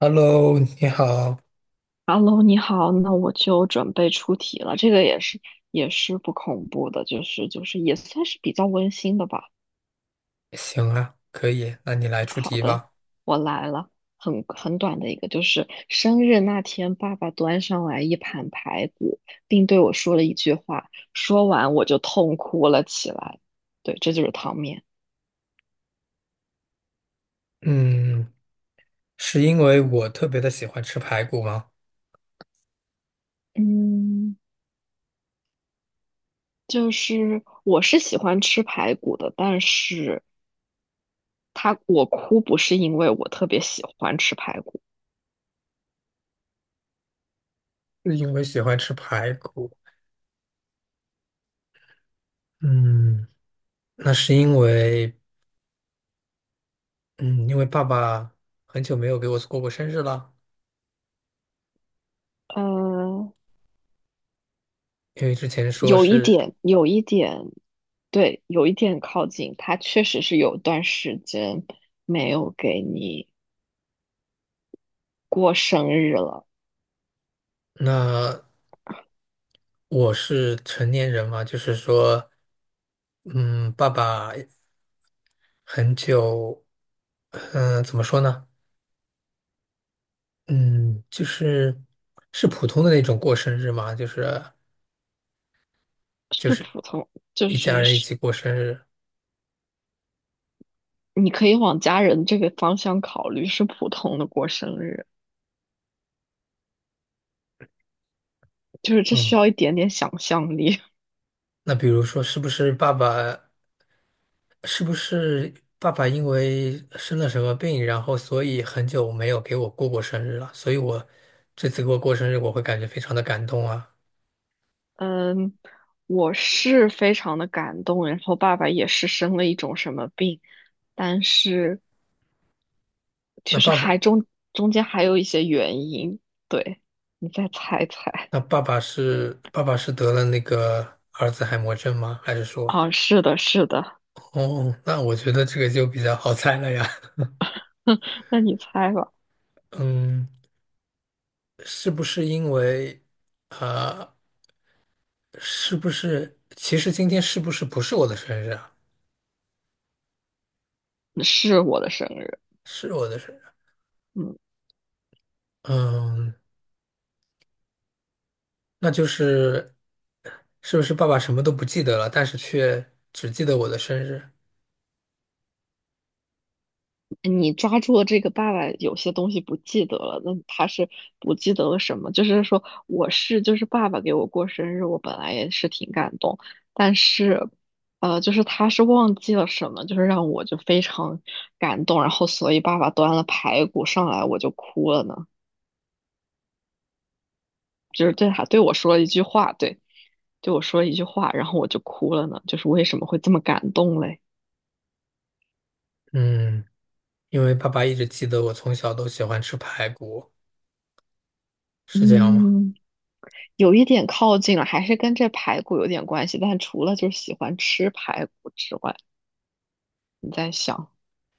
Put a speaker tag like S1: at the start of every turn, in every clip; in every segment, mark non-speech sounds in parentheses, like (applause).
S1: Hello，你好，
S2: Hello，你好，那我就准备出题了。这个也是不恐怖的，就是也算是比较温馨的吧。
S1: 行啊，可以，那你来出
S2: 好
S1: 题
S2: 的，
S1: 吧。
S2: 我来了，很短的一个，就是生日那天，爸爸端上来一盘排骨，并对我说了一句话，说完我就痛哭了起来。对，这就是汤面。
S1: 嗯，是因为我特别的喜欢吃排骨吗？
S2: 嗯，就是我是喜欢吃排骨的，但是他我哭不是因为我特别喜欢吃排骨。
S1: 是因为喜欢吃排骨。嗯，那是因为，嗯，因为爸爸很久没有给我过过生日了。
S2: 嗯。
S1: 因为之前说
S2: 有一
S1: 是，
S2: 点，有一点，对，有一点靠近。他确实是有段时间没有给你过生日了。
S1: 那我是成年人嘛，就是说，嗯，爸爸很久，怎么说呢？嗯，就是是普通的那种过生日吗？就是就
S2: 是
S1: 是
S2: 普通，就
S1: 一家
S2: 是
S1: 人一
S2: 是，
S1: 起过生日。
S2: 你可以往家人这个方向考虑，是普通的过生日，就是这需
S1: 嗯，
S2: 要一点点想象力。
S1: 那比如说，是不是爸爸，是不是爸爸因为生了什么病，然后所以很久没有给我过过生日了，所以我这次给我过生日，我会感觉非常的感动啊。
S2: (laughs) 嗯，我是非常的感动，然后爸爸也是生了一种什么病，但是
S1: 那
S2: 就是
S1: 爸
S2: 还
S1: 爸，
S2: 中间还有一些原因，对，你再猜一猜。
S1: 那爸爸是爸爸是得了那个儿子海默症吗？还是说，
S2: 啊，是的，是的。
S1: 哦，那我觉得这个就比较好猜了呀。
S2: (laughs) 那你猜吧，
S1: (laughs) 嗯。是不是因为，啊，是不是其实今天是不是不是我的生日啊？
S2: 是我的生日。
S1: 是我的生日啊，
S2: 嗯，
S1: 嗯，那就是是不是爸爸什么都不记得了，但是却只记得我的生日？
S2: 你抓住了这个爸爸有些东西不记得了，那他是不记得了什么？就是说，我是就是爸爸给我过生日，我本来也是挺感动，但是，就是他是忘记了什么，就是让我就非常感动，然后所以爸爸端了排骨上来，我就哭了呢，就是对他对我说了一句话，对，对我说了一句话，然后我就哭了呢，就是为什么会这么感动嘞？
S1: 嗯，因为爸爸一直记得我从小都喜欢吃排骨，是这样吗？
S2: 嗯，有一点靠近了，还是跟这排骨有点关系。但除了就是喜欢吃排骨之外，你在想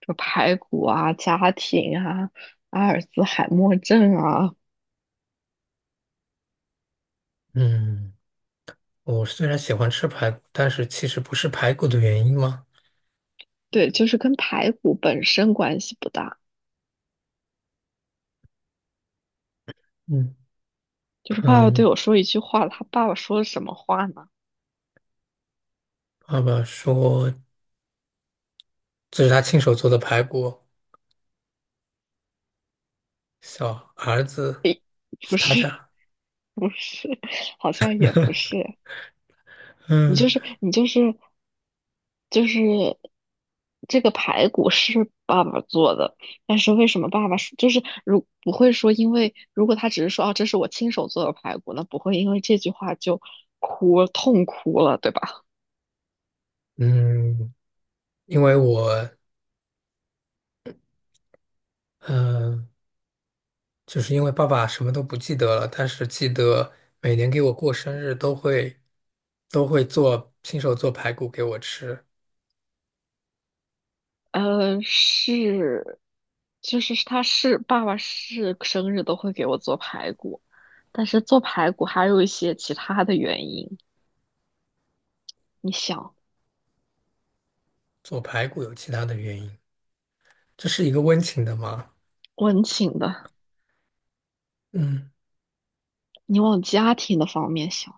S2: 这排骨啊、家庭啊、阿尔兹海默症啊。
S1: 嗯，我虽然喜欢吃排骨，但是其实不是排骨的原因吗？
S2: 对，就是跟排骨本身关系不大。
S1: 嗯
S2: 就是爸爸对
S1: 嗯，
S2: 我说一句话，他爸爸说什么话呢？
S1: 爸爸说这是他亲手做的排骨。小儿子
S2: (laughs)
S1: 是
S2: 不
S1: 他
S2: 是，
S1: 家，
S2: (laughs) 不是，好像也不是。你就
S1: 嗯
S2: 是你就是就是这个排骨是爸爸做的，但是为什么爸爸是就是如不会说，因为如果他只是说哦，这是我亲手做的排骨，那不会因为这句话就哭痛哭了，对吧？
S1: 嗯，因为我嗯、呃就是因为爸爸什么都不记得了，但是记得每年给我过生日都会做亲手做排骨给我吃，
S2: 是，就是他是爸爸是生日都会给我做排骨，但是做排骨还有一些其他的原因，你想
S1: 做排骨有其他的原因，这是一个温情的吗？
S2: 温情的，
S1: 嗯，
S2: 你往家庭的方面想。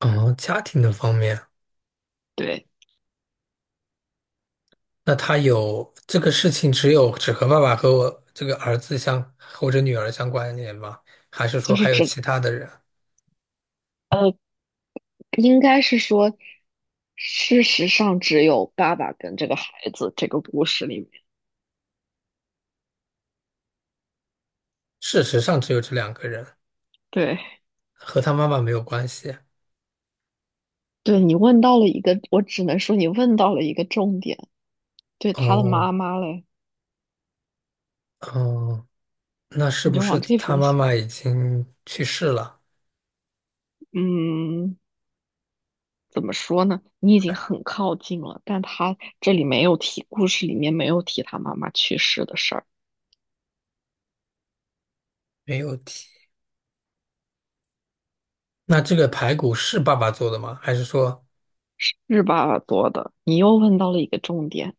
S1: 哦，家庭的方面，
S2: 对。
S1: 那他有这个事情只有只和爸爸和我这个儿子相或者女儿相关联吗？还是说
S2: 就是
S1: 还有
S2: 只
S1: 其他的人？
S2: 呃，应该是说，事实上只有爸爸跟这个孩子这个故事里面，
S1: 事实上只有这两个人，
S2: 对
S1: 和他妈妈没有关系。
S2: 对，你问到了一个，我只能说你问到了一个重点。对他的
S1: 哦，
S2: 妈妈嘞，
S1: 哦，那是
S2: 你
S1: 不
S2: 就
S1: 是
S2: 往这
S1: 他
S2: 边
S1: 妈
S2: 想，
S1: 妈已经去世了？
S2: 嗯，怎么说呢？你已经很靠近了，但他这里没有提，故事里面没有提他妈妈去世的事儿，
S1: 没有提。那这个排骨是爸爸做的吗？还是说，
S2: 是爸爸做的。你又问到了一个重点，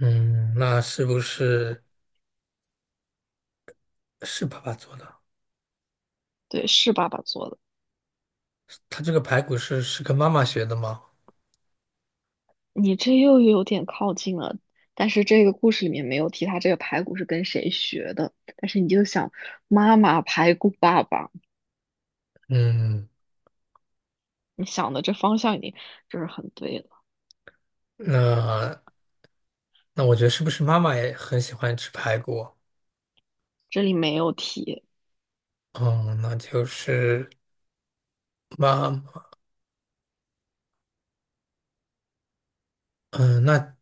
S1: 嗯，那是不是是爸爸做的？
S2: 对，是爸爸做的。
S1: 他这个排骨是是跟妈妈学的吗？
S2: 你这又有点靠近了，但是这个故事里面没有提他这个排骨是跟谁学的，但是你就想妈妈排骨爸爸，
S1: 嗯，
S2: 你想的这方向已经就是很对了。
S1: 那那我觉得是不是妈妈也很喜欢吃排骨？
S2: 这里没有提，
S1: 哦，那就是妈。那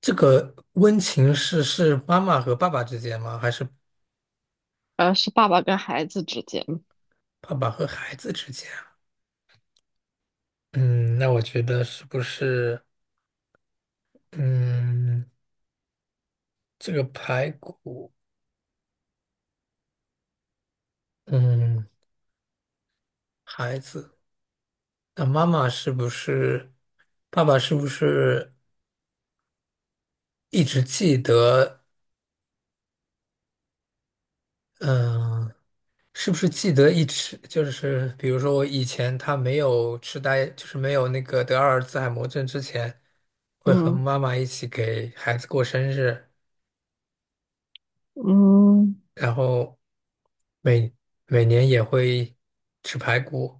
S1: 这个温情是是妈妈和爸爸之间吗？还是
S2: 是爸爸跟孩子之间。
S1: 爸爸和孩子之间啊？嗯，那我觉得是不是，嗯，这个排骨，嗯，孩子，那妈妈是不是，爸爸是不是一直记得，嗯、是不是记得一吃就是比如说我以前他没有痴呆，就是没有那个得阿尔兹海默症之前，会和
S2: 嗯
S1: 妈妈一起给孩子过生日，
S2: 嗯，
S1: 然后每每年也会吃排骨，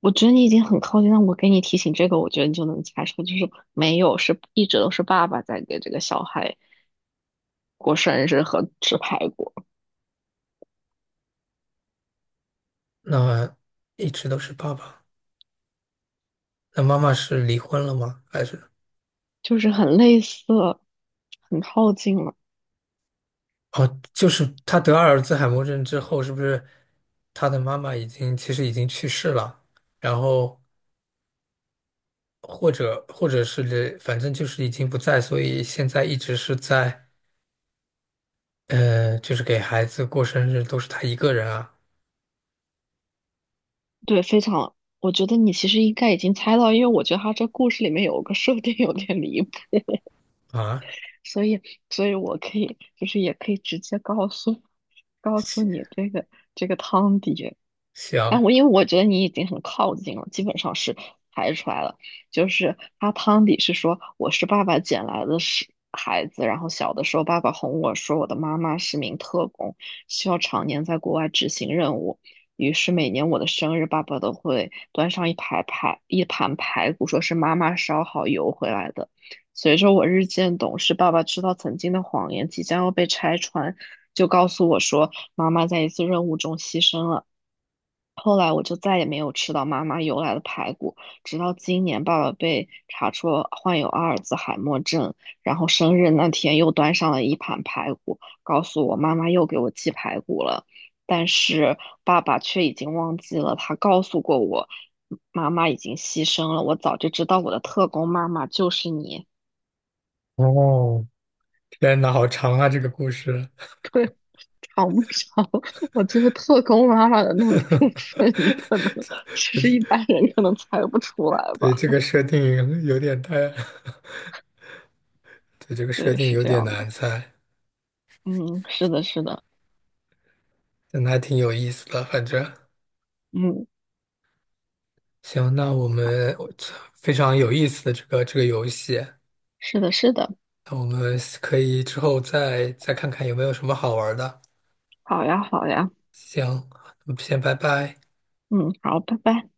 S2: 我觉得你已经很靠近了，我给你提醒这个，我觉得你就能猜出，就是没有，是一直都是爸爸在给这个小孩过生日和吃排骨，
S1: 那一直都是爸爸。那妈妈是离婚了吗？还是
S2: 就是很类似，很靠近了。
S1: 哦，就是他得阿尔兹海默症之后，是不是他的妈妈已经其实已经去世了？然后或者是反正就是已经不在，所以现在一直是在就是给孩子过生日都是他一个人啊
S2: 对，非常，我觉得你其实应该已经猜到，因为我觉得他这故事里面有个设定有点离谱，
S1: 啊，
S2: 所以，所以我可以就是也可以直接告诉你
S1: 行
S2: 这个这个汤底。啊，
S1: 行
S2: 我因为我觉得你已经很靠近了，基本上是排出来了。就是阿汤底是说我是爸爸捡来的是孩子，然后小的时候爸爸哄我说我的妈妈是名特工，需要常年在国外执行任务。于是每年我的生日，爸爸都会端上一排排一盘排骨，说是妈妈烧好邮回来的。随着我日渐懂事，爸爸知道曾经的谎言即将要被拆穿，就告诉我说。妈妈在一次任务中牺牲了。后来我就再也没有吃到妈妈邮来的排骨，直到今年爸爸被查出患有阿尔兹海默症，然后生日那天又端上了一盘排骨，告诉我妈妈又给我寄排骨了，但是爸爸却已经忘记了，他告诉过我，妈妈已经牺牲了，我早就知道我的特工妈妈就是你。
S1: 哦，天呐，好长啊这个故事，
S2: (laughs) 长不着，(laughs) 我觉得特工妈妈的那个部分，你
S1: (laughs)
S2: 可能其实一般人可能猜不出来
S1: 对
S2: 吧。
S1: 这个设定有点太，(laughs) 对这个设
S2: 对，
S1: 定
S2: 是
S1: 有
S2: 这
S1: 点
S2: 样
S1: 难
S2: 的。
S1: 猜，
S2: 嗯，是的，是的，
S1: 但还挺有意思的，反正
S2: 嗯，
S1: 行，那我们我 (tsk) 非常有意思的这个游戏，
S2: 是的，是的。
S1: 那我们可以之后再看看有没有什么好玩的。
S2: 好呀，好呀，
S1: 行，那么先拜拜。
S2: 嗯，好，拜拜。